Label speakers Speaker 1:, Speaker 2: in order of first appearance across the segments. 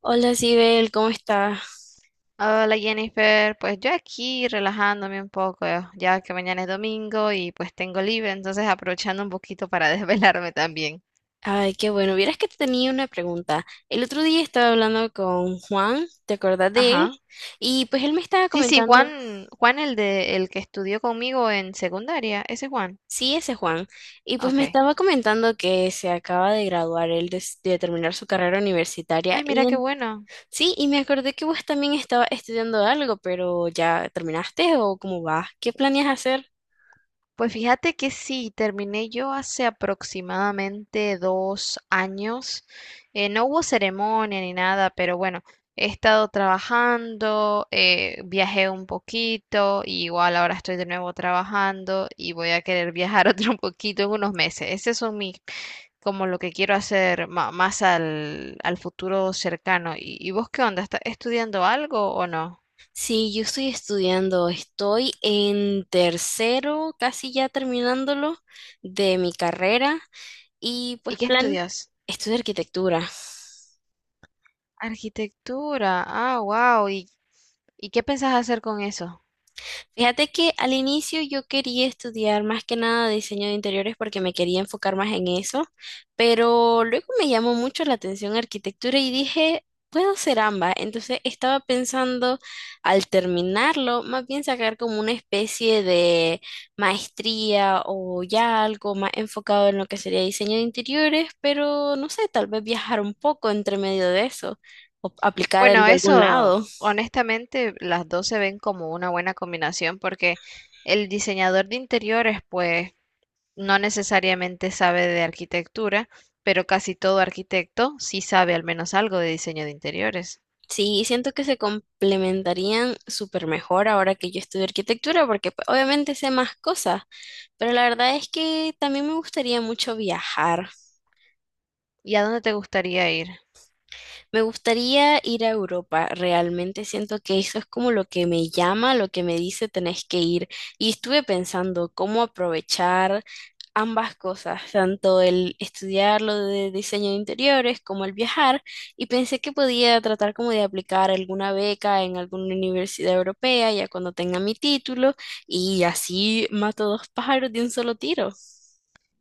Speaker 1: Hola, Sibel, ¿cómo estás?
Speaker 2: Hola Jennifer, pues yo aquí relajándome un poco, ya que mañana es domingo y pues tengo libre, entonces aprovechando un poquito para desvelarme también.
Speaker 1: Ay, qué bueno. Vieras que te tenía una pregunta. El otro día estaba hablando con Juan, ¿te acordás de él?
Speaker 2: Ajá.
Speaker 1: Y pues él me estaba
Speaker 2: Sí, sí,
Speaker 1: comentando,
Speaker 2: Juan, Juan el que estudió conmigo en secundaria, ese Juan.
Speaker 1: sí, ese Juan, y pues
Speaker 2: Ok.
Speaker 1: me estaba comentando que se acaba de graduar él de terminar su carrera universitaria.
Speaker 2: Ay, mira qué bueno.
Speaker 1: Sí, y me acordé que vos también estabas estudiando algo, pero ¿ya terminaste o cómo vas? ¿Qué planeas hacer?
Speaker 2: Pues fíjate que sí, terminé yo hace aproximadamente 2 años. No hubo ceremonia ni nada, pero bueno, he estado trabajando, viajé un poquito, y igual ahora estoy de nuevo trabajando y voy a querer viajar otro poquito en unos meses. Ese son mis, como lo que quiero hacer más al futuro cercano. ¿Y vos qué onda? ¿Estás estudiando algo o no?
Speaker 1: Sí, yo estoy estudiando, estoy en tercero, casi ya terminándolo de mi carrera y
Speaker 2: ¿Y
Speaker 1: pues
Speaker 2: qué
Speaker 1: plan,
Speaker 2: estudias?
Speaker 1: estudio arquitectura.
Speaker 2: Arquitectura. Ah, wow. ¿Y qué pensás hacer con eso?
Speaker 1: Fíjate que al inicio yo quería estudiar más que nada diseño de interiores porque me quería enfocar más en eso, pero luego me llamó mucho la atención arquitectura y dije, puedo hacer ambas. Entonces estaba pensando al terminarlo, más bien sacar como una especie de maestría o ya algo más enfocado en lo que sería diseño de interiores, pero no sé, tal vez viajar un poco entre medio de eso o aplicar
Speaker 2: Bueno,
Speaker 1: algo a algún
Speaker 2: eso,
Speaker 1: lado.
Speaker 2: honestamente, las dos se ven como una buena combinación porque el diseñador de interiores, pues, no necesariamente sabe de arquitectura, pero casi todo arquitecto sí sabe al menos algo de diseño de interiores.
Speaker 1: Sí, siento que se complementarían súper mejor ahora que yo estudio arquitectura, porque pues, obviamente sé más cosas, pero la verdad es que también me gustaría mucho viajar.
Speaker 2: ¿Y a dónde te gustaría ir?
Speaker 1: Me gustaría ir a Europa, realmente siento que eso es como lo que me llama, lo que me dice tenés que ir. Y estuve pensando cómo aprovechar ambas cosas, tanto el estudiar lo de diseño de interiores como el viajar, y pensé que podía tratar como de aplicar alguna beca en alguna universidad europea ya cuando tenga mi título y así mato dos pájaros de un solo tiro.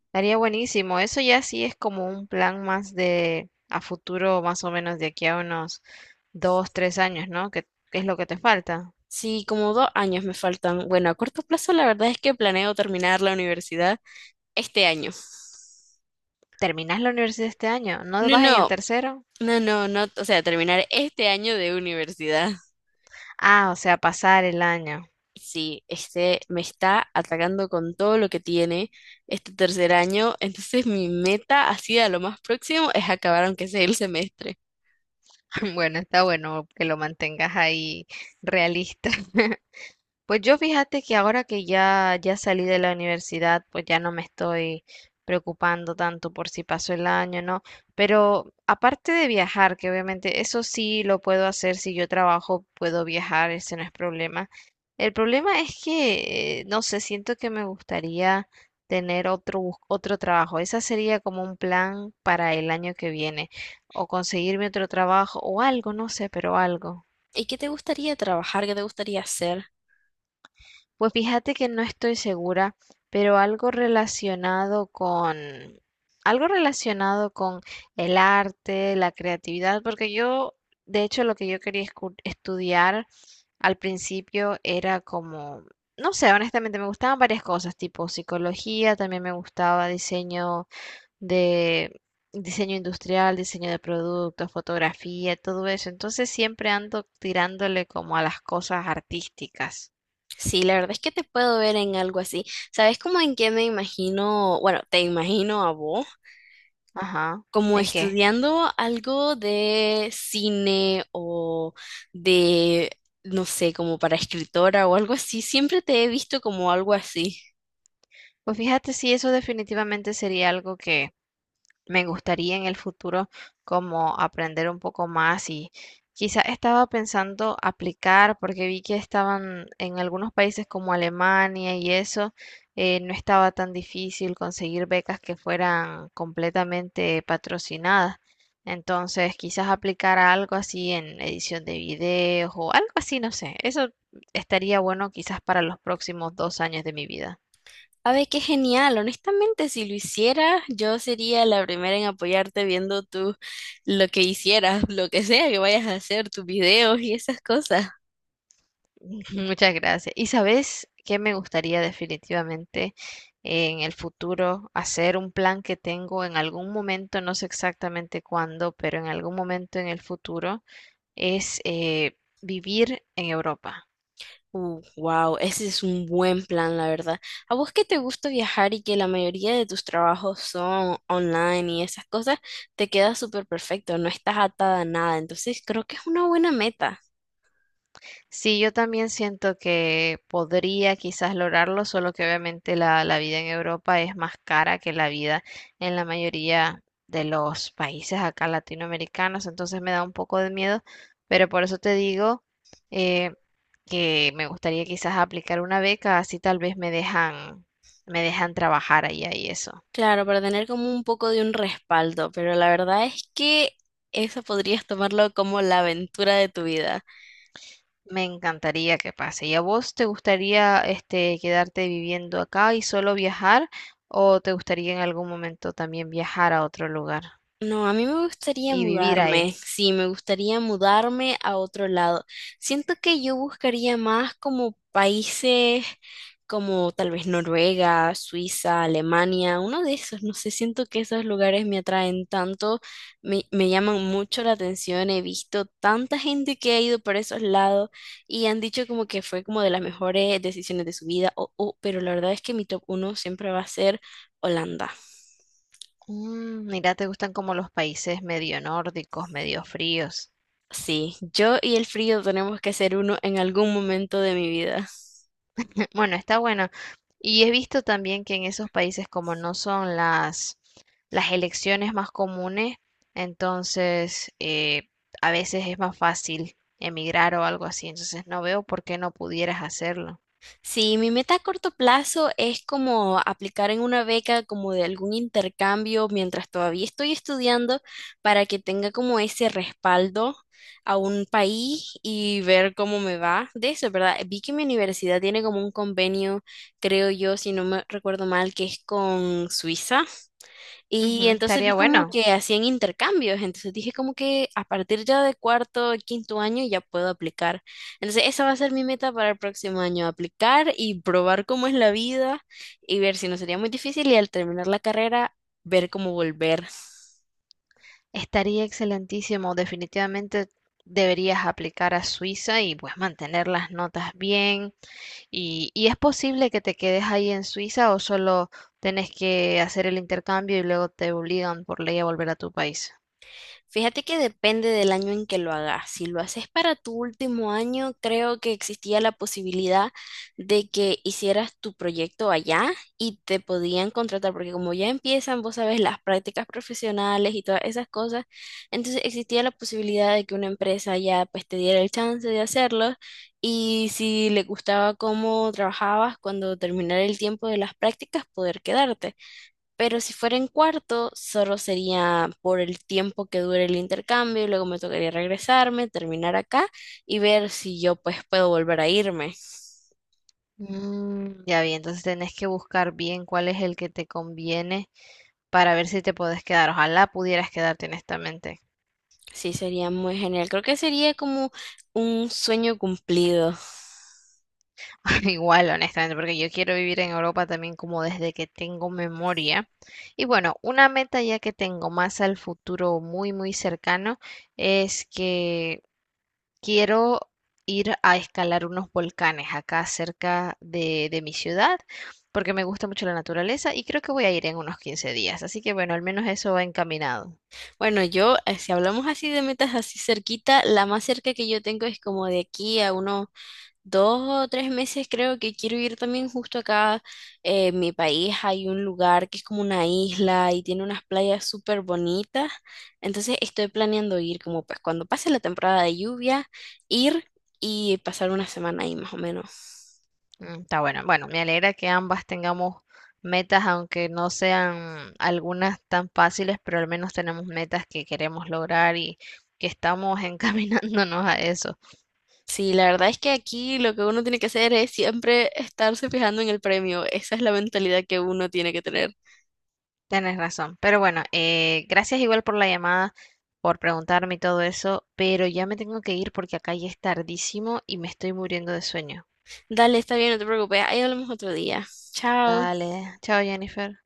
Speaker 2: Estaría buenísimo. Eso ya sí es como un plan más de a futuro, más o menos de aquí a unos 2, 3 años, ¿no? ¿Qué es lo que te falta?
Speaker 1: Sí, como 2 años me faltan. Bueno, a corto plazo la verdad es que planeo terminar la universidad este año.
Speaker 2: ¿Terminas la universidad este año? ¿No
Speaker 1: No,
Speaker 2: vas en el
Speaker 1: no,
Speaker 2: tercero?
Speaker 1: no, no, no, o sea, terminar este año de universidad.
Speaker 2: Ah, o sea, pasar el año.
Speaker 1: Sí, este me está atacando con todo lo que tiene este tercer año, entonces mi meta así a lo más próximo es acabar aunque sea el semestre.
Speaker 2: Bueno, está bueno que lo mantengas ahí realista. Pues yo fíjate que ahora que ya salí de la universidad, pues ya no me estoy preocupando tanto por si pasó el año, ¿no? Pero aparte de viajar, que obviamente eso sí lo puedo hacer, si yo trabajo puedo viajar, ese no es problema. El problema es que, no sé, siento que me gustaría tener otro trabajo. Esa sería como un plan para el año que viene, o conseguirme otro trabajo o algo, no sé, pero algo.
Speaker 1: ¿Y qué te gustaría trabajar? ¿Qué te gustaría hacer?
Speaker 2: Pues fíjate que no estoy segura, pero algo relacionado con el arte, la creatividad, porque yo, de hecho, lo que yo quería estudiar al principio era como, no sé, honestamente me gustaban varias cosas, tipo psicología, también me gustaba de diseño industrial, diseño de productos, fotografía, todo eso. Entonces siempre ando tirándole como a las cosas artísticas.
Speaker 1: Sí, la verdad es que te puedo ver en algo así. ¿Sabes cómo en qué me imagino? Bueno, te imagino a vos
Speaker 2: Ajá.
Speaker 1: como
Speaker 2: ¿En qué?
Speaker 1: estudiando algo de cine o de, no sé, como para escritora o algo así. Siempre te he visto como algo así.
Speaker 2: Pues fíjate sí, eso definitivamente sería algo que me gustaría en el futuro como aprender un poco más y quizá estaba pensando aplicar porque vi que estaban en algunos países como Alemania y eso, no estaba tan difícil conseguir becas que fueran completamente patrocinadas. Entonces, quizás aplicar a algo así en edición de videos o algo así, no sé. Eso estaría bueno quizás para los próximos 2 años de mi vida.
Speaker 1: A ver, qué genial. Honestamente, si lo hicieras, yo sería la primera en apoyarte viendo tú lo que hicieras, lo que sea que vayas a hacer, tus videos y esas cosas.
Speaker 2: Muchas gracias. ¿Y sabes qué me gustaría definitivamente en el futuro hacer un plan que tengo en algún momento, no sé exactamente cuándo, pero en algún momento en el futuro es vivir en Europa.
Speaker 1: Wow, ese es un buen plan, la verdad. ¿A vos que te gusta viajar y que la mayoría de tus trabajos son online y esas cosas, te queda súper perfecto, no estás atada a nada. Entonces, creo que es una buena meta.
Speaker 2: Sí, yo también siento que podría quizás lograrlo, solo que obviamente la vida en Europa es más cara que la vida en la mayoría de los países acá latinoamericanos, entonces me da un poco de miedo, pero por eso te digo eh, que me gustaría quizás aplicar una beca, así tal vez me dejan trabajar allá y eso.
Speaker 1: Claro, para tener como un poco de un respaldo, pero la verdad es que eso podrías tomarlo como la aventura de tu vida.
Speaker 2: Me encantaría que pase. ¿Y a vos te gustaría este quedarte viviendo acá y solo viajar o te gustaría en algún momento también viajar a otro lugar
Speaker 1: No, a mí me gustaría
Speaker 2: y vivir
Speaker 1: mudarme,
Speaker 2: ahí?
Speaker 1: sí, me gustaría mudarme a otro lado. Siento que yo buscaría más como países como tal vez Noruega, Suiza, Alemania, uno de esos, no sé, siento que esos lugares me atraen tanto, me llaman mucho la atención, he visto tanta gente que ha ido por esos lados y han dicho como que fue como de las mejores decisiones de su vida, pero la verdad es que mi top uno siempre va a ser Holanda.
Speaker 2: Mira, te gustan como los países medio nórdicos, medio fríos.
Speaker 1: Sí, yo y el frío tenemos que ser uno en algún momento de mi vida.
Speaker 2: Bueno, está bueno. Y he visto también que en esos países como no son las elecciones más comunes, entonces a veces es más fácil emigrar o algo así. Entonces no veo por qué no pudieras hacerlo.
Speaker 1: Sí, mi meta a corto plazo es como aplicar en una beca como de algún intercambio mientras todavía estoy estudiando para que tenga como ese respaldo a un país y ver cómo me va de eso, ¿verdad? Vi que mi universidad tiene como un convenio, creo yo, si no me recuerdo mal, que es con Suiza.
Speaker 2: Ujú,
Speaker 1: Y entonces vi
Speaker 2: estaría
Speaker 1: como
Speaker 2: bueno,
Speaker 1: que hacían intercambios, entonces dije como que a partir ya de cuarto, quinto año ya puedo aplicar. Entonces esa va a ser mi meta para el próximo año, aplicar y probar cómo es la vida y ver si no sería muy difícil y al terminar la carrera ver cómo volver.
Speaker 2: estaría excelentísimo. Definitivamente deberías aplicar a Suiza y pues mantener las notas bien. ¿Y es posible que te quedes ahí en Suiza o solo tenés que hacer el intercambio y luego te obligan por ley a volver a tu país?
Speaker 1: Fíjate que depende del año en que lo hagas. Si lo haces para tu último año, creo que existía la posibilidad de que hicieras tu proyecto allá y te podían contratar, porque como ya empiezan, vos sabes, las prácticas profesionales y todas esas cosas, entonces existía la posibilidad de que una empresa ya pues te diera el chance de hacerlo y si le gustaba cómo trabajabas cuando terminara el tiempo de las prácticas, poder quedarte. Pero si fuera en cuarto, solo sería por el tiempo que dure el intercambio y luego me tocaría regresarme, terminar acá y ver si yo pues puedo volver a irme.
Speaker 2: Ya vi, entonces tenés que buscar bien cuál es el que te conviene para ver si te podés quedar. Ojalá pudieras quedarte honestamente.
Speaker 1: Sí, sería muy genial. Creo que sería como un sueño cumplido.
Speaker 2: Igual, honestamente, porque yo quiero vivir en Europa también como desde que tengo memoria. Y bueno, una meta ya que tengo más al futuro muy, muy cercano es que quiero ir a escalar unos volcanes acá cerca de mi ciudad, porque me gusta mucho la naturaleza y creo que voy a ir en unos 15 días. Así que bueno, al menos eso va encaminado.
Speaker 1: Bueno, si hablamos así de metas así cerquita, la más cerca que yo tengo es como de aquí a unos 2 o 3 meses creo que quiero ir también justo acá en mi país. Hay un lugar que es como una isla y tiene unas playas súper bonitas. Entonces estoy planeando ir como pues cuando pase la temporada de lluvia, ir y pasar una semana ahí más o menos.
Speaker 2: Está bueno. Bueno, me alegra que ambas tengamos metas, aunque no sean algunas tan fáciles, pero al menos tenemos metas que queremos lograr y que estamos encaminándonos a eso.
Speaker 1: Sí, la verdad es que aquí lo que uno tiene que hacer es siempre estarse fijando en el premio. Esa es la mentalidad que uno tiene que tener.
Speaker 2: Tienes razón. Pero bueno, gracias igual por la llamada, por preguntarme y todo eso, pero ya me tengo que ir porque acá ya es tardísimo y me estoy muriendo de sueño.
Speaker 1: Dale, está bien, no te preocupes. Ahí hablamos otro día. Chao.
Speaker 2: Dale. Chao, Jennifer.